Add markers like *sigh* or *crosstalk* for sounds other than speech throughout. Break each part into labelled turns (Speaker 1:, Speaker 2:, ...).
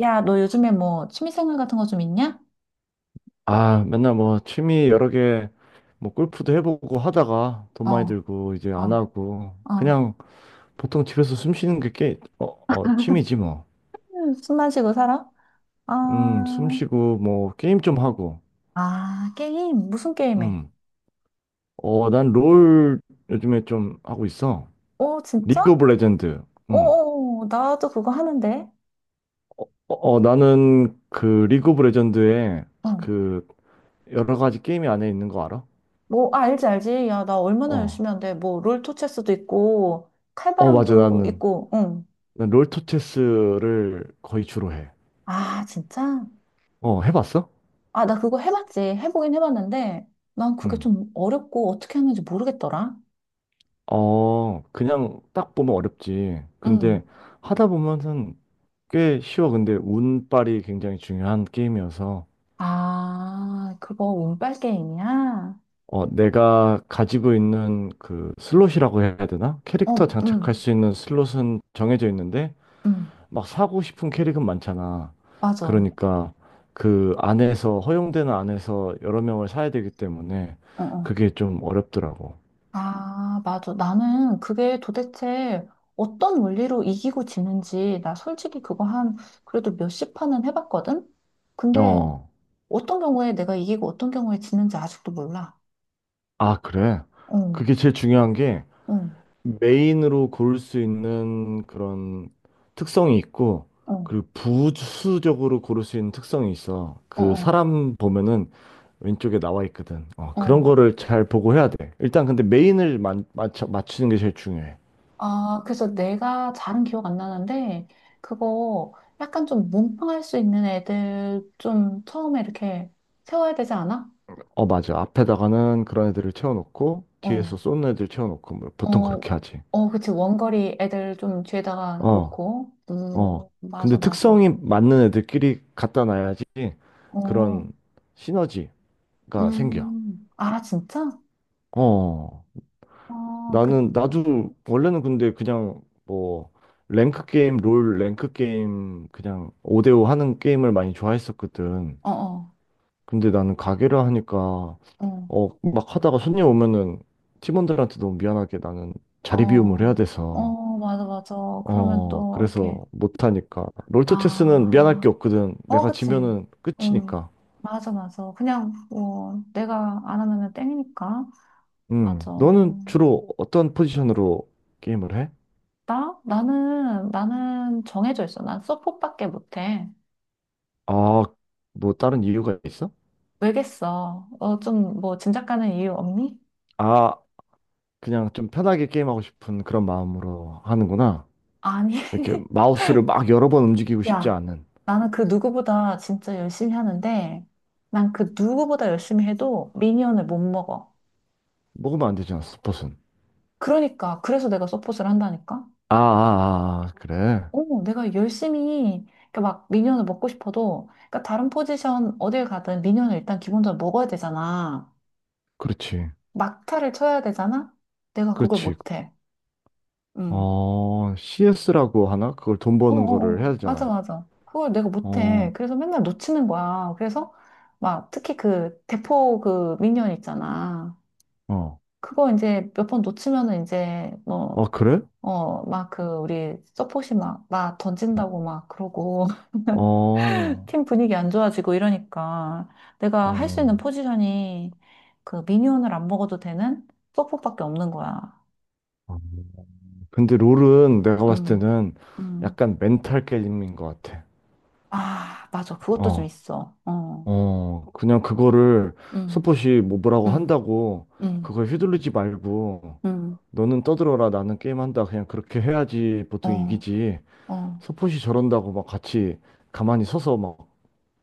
Speaker 1: 야, 너 요즘에 뭐 취미생활 같은 거 좀 있냐?
Speaker 2: 아, 맨날 뭐 취미 여러 개, 뭐 골프도 해보고 하다가 돈
Speaker 1: 어,
Speaker 2: 많이 들고 이제 안
Speaker 1: 어,
Speaker 2: 하고
Speaker 1: 어.
Speaker 2: 그냥 보통 집에서 숨 쉬는 취미지 뭐.
Speaker 1: 숨 마시고 살아? 아,
Speaker 2: 숨 쉬고 뭐 게임 좀 하고.
Speaker 1: 아, 게임. 무슨 게임해?
Speaker 2: 음, 난 롤 요즘에 좀 하고 있어.
Speaker 1: 어,
Speaker 2: 리그
Speaker 1: 진짜?
Speaker 2: 오브 레전드.
Speaker 1: 어,
Speaker 2: 음,
Speaker 1: 어, 어, 나도 그거 하는데.
Speaker 2: 나는 그 리그 오브 레전드에
Speaker 1: 어.
Speaker 2: 그 여러 가지 게임이 안에 있는 거 알아?
Speaker 1: 뭐, 아, 알지, 알지. 야, 나 얼마나
Speaker 2: 어,
Speaker 1: 열심히 하는데. 뭐, 롤토체스도 있고,
Speaker 2: 맞아.
Speaker 1: 칼바람도
Speaker 2: 나는
Speaker 1: 있고, 응.
Speaker 2: 난 롤토체스를 거의 주로 해.
Speaker 1: 아, 진짜?
Speaker 2: 해봤어?
Speaker 1: 아, 나 그거 해봤지. 해보긴 해봤는데, 난 그게
Speaker 2: 응.
Speaker 1: 좀 어렵고 어떻게 하는지 모르겠더라.
Speaker 2: 그냥 딱 보면 어렵지.
Speaker 1: 응.
Speaker 2: 근데 하다 보면은 꽤 쉬워. 근데 운빨이 굉장히 중요한 게임이어서,
Speaker 1: 아, 그거 운빨 게임이야?
Speaker 2: 내가 가지고 있는 그 슬롯이라고 해야 되나? 캐릭터
Speaker 1: 어,
Speaker 2: 장착할
Speaker 1: 응,
Speaker 2: 수 있는 슬롯은 정해져 있는데,
Speaker 1: 응,
Speaker 2: 막 사고 싶은 캐릭은 많잖아.
Speaker 1: 맞아. 어,
Speaker 2: 그러니까 그 안에서, 허용되는 안에서 여러 명을 사야 되기 때문에
Speaker 1: 어,
Speaker 2: 그게 좀 어렵더라고.
Speaker 1: 아, 맞아. 나는 그게 도대체 어떤 원리로 이기고 지는지, 나 솔직히 그거 한, 그래도 몇십 판은 해봤거든? 근데
Speaker 2: 어,
Speaker 1: 어떤 경우에 내가 이기고 어떤 경우에 지는지 아직도 몰라.
Speaker 2: 아, 그래.
Speaker 1: 응,
Speaker 2: 그게 제일 중요한 게,
Speaker 1: 응,
Speaker 2: 메인으로 고를 수 있는 그런 특성이 있고,
Speaker 1: 응.
Speaker 2: 그리고 부수적으로 고를 수 있는 특성이 있어.
Speaker 1: 어,
Speaker 2: 그
Speaker 1: 어,
Speaker 2: 사람 보면은 왼쪽에 나와 있거든.
Speaker 1: 어.
Speaker 2: 그런
Speaker 1: 어.
Speaker 2: 거를 잘 보고 해야 돼. 일단 근데 메인을 맞추는 게 제일 중요해.
Speaker 1: 아, 그래서 내가 잘은 기억 안 나는데, 그거 약간 좀 몸빵할 수 있는 애들 좀 처음에 이렇게 세워야 되지 않아?
Speaker 2: 어, 맞아. 앞에다가는 그런 애들을 채워놓고,
Speaker 1: 어,
Speaker 2: 뒤에서 쏘는 애들 채워놓고, 뭐 보통
Speaker 1: 어,
Speaker 2: 그렇게 하지.
Speaker 1: 어, 그치. 원거리 애들 좀 뒤에다가
Speaker 2: 어,
Speaker 1: 놓고.
Speaker 2: 어. 근데
Speaker 1: 맞아, 맞아.
Speaker 2: 특성이 맞는 애들끼리 갖다 놔야지
Speaker 1: 어,
Speaker 2: 그런 시너지가 생겨.
Speaker 1: 아, 진짜?
Speaker 2: 어.
Speaker 1: 어, 그,
Speaker 2: 나는 나도 원래는 근데 그냥 뭐 랭크 게임, 롤 랭크 게임 그냥 5대5 하는 게임을 많이 좋아했었거든.
Speaker 1: 어, 어,
Speaker 2: 근데 나는 가게를 하니까
Speaker 1: 어,
Speaker 2: 막 하다가 손님 오면은 팀원들한테 너무 미안하게 나는 자리 비움을 해야
Speaker 1: 어,
Speaker 2: 돼서
Speaker 1: 어, 맞아, 맞아. 그러면 또
Speaker 2: 그래서
Speaker 1: 이렇게,
Speaker 2: 못 하니까 롤토체스는 미안할 게
Speaker 1: 아,
Speaker 2: 없거든.
Speaker 1: 어,
Speaker 2: 내가
Speaker 1: 그치.
Speaker 2: 지면은
Speaker 1: 응.
Speaker 2: 끝이니까.
Speaker 1: 맞아, 맞아. 그냥, 뭐, 내가 안 하면은 땡이니까. 맞아.
Speaker 2: 너는 주로 어떤 포지션으로 게임을 해?
Speaker 1: 나? 나는 정해져 있어. 난 서폿밖에 못해.
Speaker 2: 아, 뭐 다른 이유가 있어?
Speaker 1: 왜겠어? 어, 좀, 뭐, 짐작 가는 이유 없니?
Speaker 2: 아, 그냥 좀 편하게 게임하고 싶은 그런 마음으로 하는구나.
Speaker 1: 아니,
Speaker 2: 이렇게
Speaker 1: *laughs*
Speaker 2: 마우스를 막 여러 번 움직이고 싶지
Speaker 1: 야,
Speaker 2: 않은.
Speaker 1: 나는 그 누구보다 진짜 열심히 하는데, 난 그 누구보다 열심히 해도 미니언을 못 먹어.
Speaker 2: 먹으면 안 되잖아, 스폿은.
Speaker 1: 그러니까, 그래서 내가 서폿을 한다니까?
Speaker 2: 아, 아, 아, 아, 그래.
Speaker 1: 어, 내가 열심히, 그러니까 막 미니언을 먹고 싶어도, 그러니까 다른 포지션 어딜 가든 미니언을 일단 기본적으로 먹어야 되잖아.
Speaker 2: 그렇지.
Speaker 1: 막타를 쳐야 되잖아? 내가 그걸
Speaker 2: 그렇지.
Speaker 1: 못해.
Speaker 2: CS라고 하나? 그걸 돈
Speaker 1: 어,
Speaker 2: 버는
Speaker 1: 어,
Speaker 2: 거를
Speaker 1: 어.
Speaker 2: 해야
Speaker 1: 맞아,
Speaker 2: 되잖아.
Speaker 1: 맞아. 그걸 내가 못해.
Speaker 2: 어,
Speaker 1: 그래서 맨날 놓치는 거야. 그래서 막 특히 그 대포 그 미니언 있잖아.
Speaker 2: 어.
Speaker 1: 그거 이제 몇 번 놓치면은 이제 뭐,
Speaker 2: 어, 그래?
Speaker 1: 어, 막 그 우리 서폿이 막, 막
Speaker 2: 어,
Speaker 1: 던진다고 막 그러고 *laughs*
Speaker 2: 어.
Speaker 1: 팀 분위기 안 좋아지고 이러니까 내가 할 수 있는
Speaker 2: 어.
Speaker 1: 포지션이 그 미니언을 안 먹어도 되는 서폿밖에 없는 거야.
Speaker 2: 어. 근데 롤은 내가 봤을
Speaker 1: 음,
Speaker 2: 때는
Speaker 1: 음.
Speaker 2: 약간 멘탈 게임인 것 같아.
Speaker 1: 아, 맞아. 그것도 좀
Speaker 2: 어.
Speaker 1: 있어. 어,
Speaker 2: 그냥 그거를
Speaker 1: 음,
Speaker 2: 스포시 뭐라고
Speaker 1: 음,
Speaker 2: 한다고
Speaker 1: 음.
Speaker 2: 그걸 휘둘르지 말고
Speaker 1: 음.
Speaker 2: 너는 떠들어라 나는 게임한다 그냥 그렇게 해야지 보통
Speaker 1: 어,
Speaker 2: 이기지
Speaker 1: 어,
Speaker 2: 스포시 저런다고 막 같이 가만히 서서 막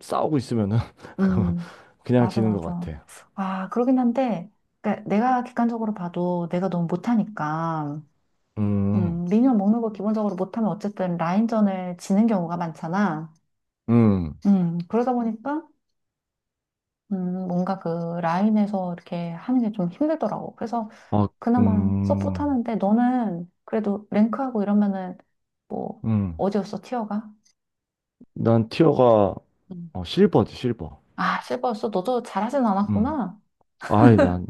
Speaker 2: 싸우고 있으면은 *laughs*
Speaker 1: 음,
Speaker 2: 그냥
Speaker 1: 맞아,
Speaker 2: 지는 것
Speaker 1: 맞아.
Speaker 2: 같아.
Speaker 1: 아, 그러긴 한데, 그러니까 내가 객관적으로 봐도 내가 너무 못하니까,
Speaker 2: 음,
Speaker 1: 미니언 먹는 거 기본적으로 못하면 어쨌든 라인전을 지는 경우가 많잖아.
Speaker 2: 음,
Speaker 1: 그러다 보니까, 뭔가 그 라인에서 이렇게 하는 게 좀 힘들더라고. 그래서
Speaker 2: 아,
Speaker 1: 그나마 서포트
Speaker 2: 음,
Speaker 1: 하는데, 너는 그래도 랭크하고 이러면은, 뭐,
Speaker 2: 음.
Speaker 1: 어디였어, 티어가?
Speaker 2: 난 티어가
Speaker 1: 음.
Speaker 2: 실버지 실버.
Speaker 1: 아, 실버였어? 너도 잘하진
Speaker 2: 음.
Speaker 1: 않았구나.
Speaker 2: 아이 난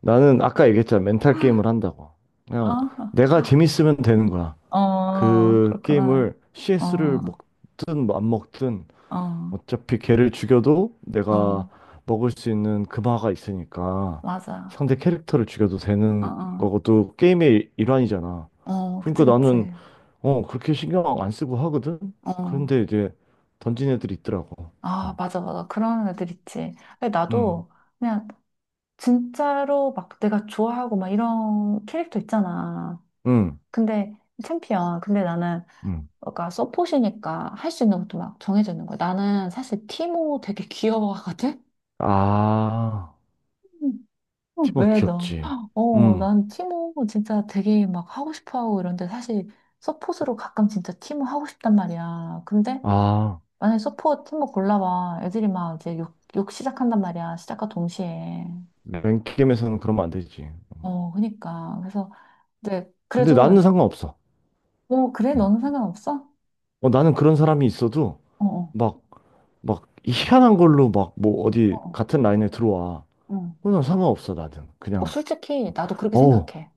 Speaker 2: 나는 아까 얘기했잖아 멘탈 게임을 한다고. 그냥
Speaker 1: 아,
Speaker 2: 내가 재밌으면 되는 거야.
Speaker 1: 어,
Speaker 2: 그
Speaker 1: 그렇구나.
Speaker 2: 게임을 CS를
Speaker 1: 어,
Speaker 2: 먹든 뭐안 먹든
Speaker 1: 어,
Speaker 2: 어차피 걔를 죽여도 내가
Speaker 1: 어,
Speaker 2: 먹을 수 있는 금화가 있으니까
Speaker 1: 맞아.
Speaker 2: 상대 캐릭터를 죽여도
Speaker 1: 어,
Speaker 2: 되는 거고
Speaker 1: 어,
Speaker 2: 또 게임의 일환이잖아.
Speaker 1: 어, 그치,
Speaker 2: 그러니까
Speaker 1: 그치.
Speaker 2: 나는 그렇게 신경 안 쓰고 하거든.
Speaker 1: 어,
Speaker 2: 그런데 이제 던진 애들이 있더라고.
Speaker 1: 아,
Speaker 2: 음.
Speaker 1: 맞아, 맞아. 그런 애들 있지. 근데
Speaker 2: 음.
Speaker 1: 나도 그냥 진짜로 막 내가 좋아하고 막 이런 캐릭터 있잖아.
Speaker 2: 음.
Speaker 1: 근데 챔피언. 근데 나는
Speaker 2: 음.
Speaker 1: 그러니까 서폿이니까 할 수 있는 것도 막 정해져 있는 거야. 나는 사실 티모 되게 귀여워하거든?
Speaker 2: 아,
Speaker 1: 어,
Speaker 2: 티모
Speaker 1: 왜 너?
Speaker 2: 귀엽지.
Speaker 1: 어,
Speaker 2: 음.
Speaker 1: 난 티모 진짜 되게 막 하고 싶어 하고 이런데 사실 서폿으로 가끔 진짜 티모 하고 싶단 말이야. 근데
Speaker 2: 아,
Speaker 1: 만약에 서폿 티모 골라봐. 애들이 막 이제 욕 시작한단 말이야. 시작과 동시에.
Speaker 2: 맨 게임에서는 그러면 안 되지.
Speaker 1: 어, 그니까. 그래서 이제
Speaker 2: 근데 나는
Speaker 1: 그래도
Speaker 2: 상관없어.
Speaker 1: 어, 그래?
Speaker 2: 음.
Speaker 1: 너는 상관없어?
Speaker 2: 나는 그런 사람이 있어도
Speaker 1: 어, 어,
Speaker 2: 막, 막 희한한 걸로 막 뭐 어디
Speaker 1: 어,
Speaker 2: 같은 라인에 들어와.
Speaker 1: 어. 어,
Speaker 2: 그건 상관없어, 나는.
Speaker 1: 어,
Speaker 2: 그냥,
Speaker 1: 솔직히 나도 그렇게
Speaker 2: 어,
Speaker 1: 생각해.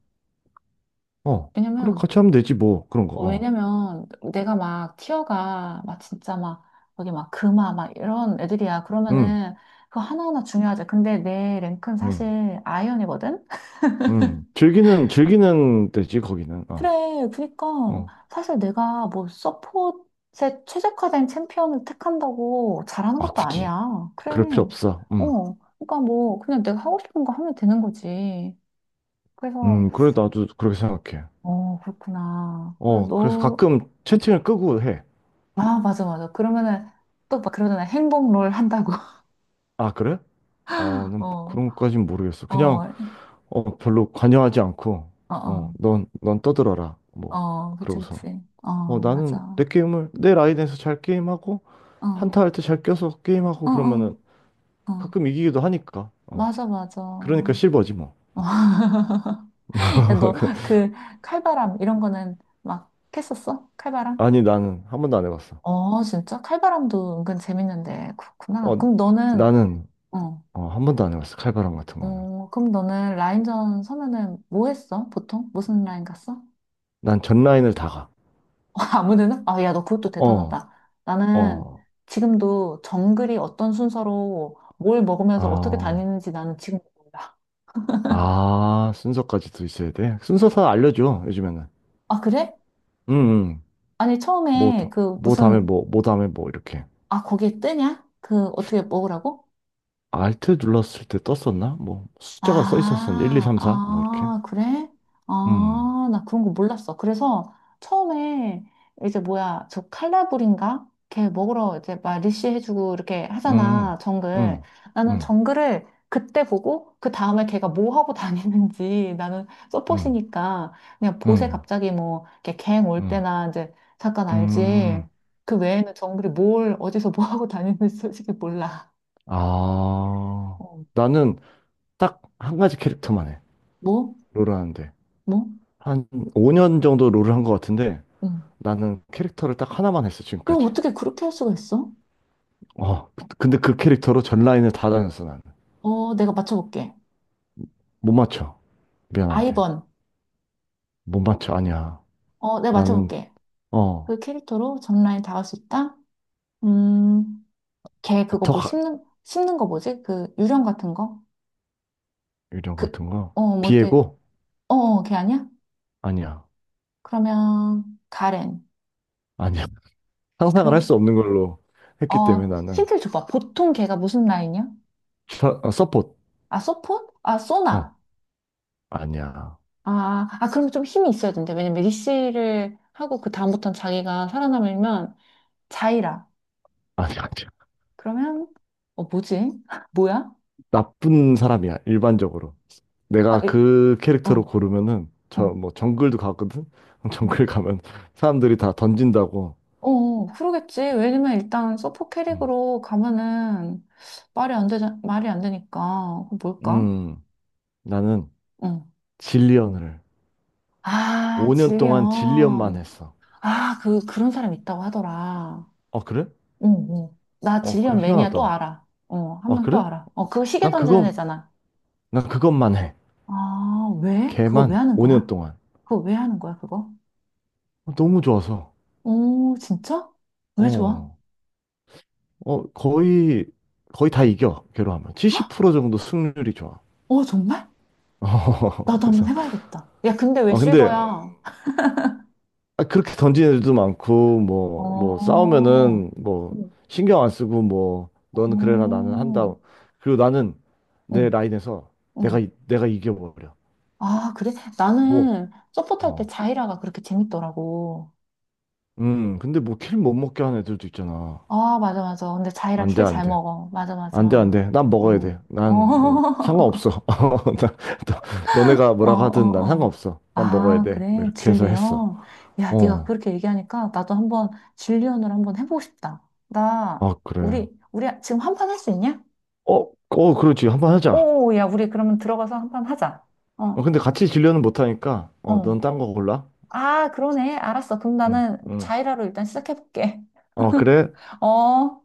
Speaker 2: 어, 그래,
Speaker 1: 왜냐면
Speaker 2: 같이 하면 되지, 뭐. 그런 거,
Speaker 1: 어,
Speaker 2: 어.
Speaker 1: 왜냐면 내가 막 티어가 막 진짜 막 여기 막 금화 막 이런 애들이야.
Speaker 2: 응,
Speaker 1: 그러면은 그거 하나하나 중요하지. 근데 내 랭크는
Speaker 2: 응,
Speaker 1: 사실 아이언이거든?
Speaker 2: 응. 즐기는 데지, 거기는. 어,
Speaker 1: 그래, 그니까
Speaker 2: 어.
Speaker 1: 사실 내가 뭐 서폿에 최적화된 챔피언을 택한다고 잘하는
Speaker 2: 아,
Speaker 1: 것도
Speaker 2: 굳이.
Speaker 1: 아니야. 그래.
Speaker 2: 그럴 필요 없어.
Speaker 1: 어, 그러니까 뭐 그냥 내가 하고 싶은 거 하면 되는 거지. 그래서
Speaker 2: 그래, 나도 그렇게 생각해.
Speaker 1: 어, 그렇구나. 그래,
Speaker 2: 어, 그래서
Speaker 1: 너,
Speaker 2: 가끔 채팅을 끄고 해.
Speaker 1: 아, 맞아, 맞아. 그러면은 또 막 그러잖아. 행복 롤 한다고.
Speaker 2: 아, 그래?
Speaker 1: *laughs*
Speaker 2: 난
Speaker 1: 어.
Speaker 2: 그런 것까진 모르겠어. 그냥,
Speaker 1: 어,
Speaker 2: 별로 관여하지 않고,
Speaker 1: 어, 어,
Speaker 2: 넌 떠들어라. 뭐,
Speaker 1: 어, 그치,
Speaker 2: 그러고서.
Speaker 1: 그치. 어, 맞아.
Speaker 2: 나는 내
Speaker 1: 어,
Speaker 2: 게임을, 내 라인에서 잘 게임하고, 한타 할 때 잘 껴서
Speaker 1: 어,
Speaker 2: 게임하고 그러면은
Speaker 1: 어, 어.
Speaker 2: 가끔 이기기도 하니까.
Speaker 1: 맞아, 맞아.
Speaker 2: 그러니까 실버지 뭐.
Speaker 1: *laughs* 야, 너,
Speaker 2: *laughs*
Speaker 1: 그, 칼바람, 이런 거는 막 했었어? 칼바람?
Speaker 2: 아니, 나는 한 번도 안 해봤어.
Speaker 1: 어, 진짜? 칼바람도 은근 재밌는데,
Speaker 2: 어,
Speaker 1: 그렇구나. 그럼 너는,
Speaker 2: 나는,
Speaker 1: 어,
Speaker 2: 한 번도 안 해봤어. 칼바람 같은 거는.
Speaker 1: 어, 그럼 너는 라인전 서면은 뭐 했어? 보통? 무슨 라인 갔어?
Speaker 2: 난 전 라인을 다 가.
Speaker 1: 아무데나? 아, 야, 너 그것도
Speaker 2: 어,
Speaker 1: 대단하다. 나는
Speaker 2: 어,
Speaker 1: 지금도 정글이 어떤 순서로 뭘 먹으면서 어떻게
Speaker 2: 아,
Speaker 1: 다니는지 나는 지금 몰라.
Speaker 2: 아, 순서까지도 있어야 돼. 순서 다 알려줘, 요즘에는.
Speaker 1: 아, 그래?
Speaker 2: 응, 응.
Speaker 1: 아니,
Speaker 2: 뭐,
Speaker 1: 처음에
Speaker 2: 다-
Speaker 1: 그
Speaker 2: 뭐 다음에
Speaker 1: 무슨,
Speaker 2: 뭐, 뭐 다음에 뭐, 이렇게.
Speaker 1: 아, 거기에 뜨냐? 그 어떻게 먹으라고?
Speaker 2: 알트 눌렀을 때 떴었나? 뭐 숫자가 써 있었었는데 1, 2,
Speaker 1: 아,
Speaker 2: 3, 4 뭐 이렇게.
Speaker 1: 아, 그래?
Speaker 2: 음.
Speaker 1: 아, 나 그런 거 몰랐어. 그래서 처음에 이제 뭐야, 저 칼라불인가? 걔 먹으러 이제 막 리쉬해주고 이렇게
Speaker 2: 음.
Speaker 1: 하잖아, 정글.
Speaker 2: 음.
Speaker 1: 나는
Speaker 2: 음.
Speaker 1: 정글을 그때 보고 그 다음에 걔가 뭐 하고 *laughs* 다니는지 나는
Speaker 2: 음.
Speaker 1: 서폿이니까 그냥 보세
Speaker 2: 음.
Speaker 1: 갑자기 뭐 걔 갱 올
Speaker 2: 음.
Speaker 1: 때나 이제 잠깐 알지.
Speaker 2: 음.
Speaker 1: 그 외에는 정글이 뭘 어디서 뭐 하고 다니는지 솔직히 몰라.
Speaker 2: 아.
Speaker 1: 어,
Speaker 2: 나는 딱 한 가지 캐릭터만 해.
Speaker 1: 뭐?
Speaker 2: 롤을 하는데.
Speaker 1: 뭐?
Speaker 2: 한 5년 정도 롤을 한 것 같은데 나는 캐릭터를 딱 하나만 했어,
Speaker 1: 이거
Speaker 2: 지금까지.
Speaker 1: 어떻게 그렇게 할 수가 있어?
Speaker 2: 어. 근데 그 캐릭터로 전 라인을 다 다녔어, 나는.
Speaker 1: 어, 내가 맞춰볼게.
Speaker 2: 못 맞춰. 미안한데.
Speaker 1: 아이번.
Speaker 2: 못 맞춰. 아니야.
Speaker 1: 어, 내가
Speaker 2: 나는
Speaker 1: 맞춰볼게.
Speaker 2: 어.
Speaker 1: 그 캐릭터로 전라인 닿을 수 있다? 음, 걔 그거 뭐
Speaker 2: 턱
Speaker 1: 씹는 거 뭐지? 그 유령 같은 거?
Speaker 2: 이런 거
Speaker 1: 그,
Speaker 2: 같은 거.
Speaker 1: 어, 뭐 이렇게,
Speaker 2: 비에고
Speaker 1: 어, 어, 걔 아니야?
Speaker 2: 아니야.
Speaker 1: 그러면, 가렌.
Speaker 2: 아니야. *laughs* 상상을 할 수
Speaker 1: 그럼,
Speaker 2: 없는 걸로 했기 때문에
Speaker 1: 어,
Speaker 2: 나는
Speaker 1: 힌트를 줘봐. 보통 걔가 무슨 라인이야?
Speaker 2: 서폿.
Speaker 1: 아, 소폰? 아,
Speaker 2: 어,
Speaker 1: 소나.
Speaker 2: 아니야.
Speaker 1: 아, 아, 그럼 좀 힘이 있어야 된대. 왜냐면 리시를 하고 그 다음부터는 자기가 살아남으면 자이라.
Speaker 2: 아니야, 아니야.
Speaker 1: 그러면 어, 뭐지? *laughs* 뭐야?
Speaker 2: 나쁜 사람이야, 일반적으로.
Speaker 1: 아,
Speaker 2: 내가
Speaker 1: 이-,
Speaker 2: 그
Speaker 1: 어,
Speaker 2: 캐릭터로 고르면은 저
Speaker 1: 어,
Speaker 2: 뭐 정글도 가거든. *laughs*
Speaker 1: 음.
Speaker 2: 정글 가면 사람들이 다 던진다고.
Speaker 1: 어, 어, 그러겠지. 왜냐면 일단 서포
Speaker 2: 음,
Speaker 1: 캐릭으로 가면은 말이 안 되자, 말이 안 되니까. 그 뭘까?
Speaker 2: 음, 나는
Speaker 1: 어.
Speaker 2: 질리언을
Speaker 1: 아,
Speaker 2: 5년 동안 질리언만
Speaker 1: 질리언.
Speaker 2: 했어.
Speaker 1: 아, 그, 그런 사람 있다고 하더라.
Speaker 2: 어, 그래?
Speaker 1: 응, 응. 나
Speaker 2: 어, 그래.
Speaker 1: 질리언 매니아 또
Speaker 2: 희한하다.
Speaker 1: 알아. 어, 한
Speaker 2: 아,
Speaker 1: 명 또
Speaker 2: 그래?
Speaker 1: 알아. 어, 그거 시계
Speaker 2: 난
Speaker 1: 던지는
Speaker 2: 그건
Speaker 1: 애잖아.
Speaker 2: 난 그것만 해.
Speaker 1: 아, 왜? 그거 왜
Speaker 2: 걔만
Speaker 1: 하는
Speaker 2: 5년
Speaker 1: 거야?
Speaker 2: 동안.
Speaker 1: 그거 왜 하는 거야, 그거?
Speaker 2: 어, 너무 좋아서.
Speaker 1: 오, 진짜? 왜 좋아?
Speaker 2: 어. 어, 거의 다 이겨, 걔로 하면. 70% 정도 승률이 좋아.
Speaker 1: 어, 정말?
Speaker 2: *laughs* 어,
Speaker 1: 나도 한번
Speaker 2: 그래서.
Speaker 1: 해봐야겠다. 야, 근데 왜
Speaker 2: 어, 근데,
Speaker 1: 실버야?
Speaker 2: 아, 그렇게 던지는 애들도 많고, 뭐, 뭐,
Speaker 1: 어,
Speaker 2: 싸우면은, 뭐,
Speaker 1: 음.
Speaker 2: 신경 안 쓰고, 뭐, 너는 그래라, 나는 한다.
Speaker 1: 어,
Speaker 2: 그리고 나는 내
Speaker 1: 응,
Speaker 2: 라인에서 내가,
Speaker 1: 응.
Speaker 2: 내가 이겨버려.
Speaker 1: 아, 그래?
Speaker 2: 뭐,
Speaker 1: 나는 서포트 할 때
Speaker 2: 어.
Speaker 1: 자이라가 그렇게 재밌더라고.
Speaker 2: 근데 뭐, 킬 못 먹게 하는 애들도 있잖아.
Speaker 1: 아, 맞아, 맞아. 근데 자이라
Speaker 2: 안 돼,
Speaker 1: 킬
Speaker 2: 안
Speaker 1: 잘
Speaker 2: 돼.
Speaker 1: 먹어. 맞아, 맞아.
Speaker 2: 안 돼, 안 돼. 난 먹어야
Speaker 1: 어,
Speaker 2: 돼.
Speaker 1: 어,
Speaker 2: 난 뭐,
Speaker 1: *laughs*
Speaker 2: 상관없어. *laughs* 어, 나, 네가
Speaker 1: 어,
Speaker 2: 뭐라고 하든 난
Speaker 1: 어, 어.
Speaker 2: 상관없어. 난 먹어야
Speaker 1: 아,
Speaker 2: 돼. 뭐
Speaker 1: 그래.
Speaker 2: 이렇게 해서 했어.
Speaker 1: 질리언. 야, 네가
Speaker 2: 어.
Speaker 1: 그렇게 얘기하니까 나도 한번 질리언을 한번 해보고 싶다. 나,
Speaker 2: 아, 그래.
Speaker 1: 우리, 우리 지금 한판 할 수 있냐?
Speaker 2: 어, 어, 그렇지. 한번 하자.
Speaker 1: 오, 야, 우리 그러면 들어가서 한판 하자.
Speaker 2: 어,
Speaker 1: 어,
Speaker 2: 근데 같이 진료는 못 하니까. 어,
Speaker 1: 어.
Speaker 2: 넌 딴 거 골라.
Speaker 1: 아, 그러네. 알았어. 그럼
Speaker 2: 응,
Speaker 1: 나는
Speaker 2: 응.
Speaker 1: 자이라로 일단 시작해볼게.
Speaker 2: 어, 그래.
Speaker 1: *laughs* 어.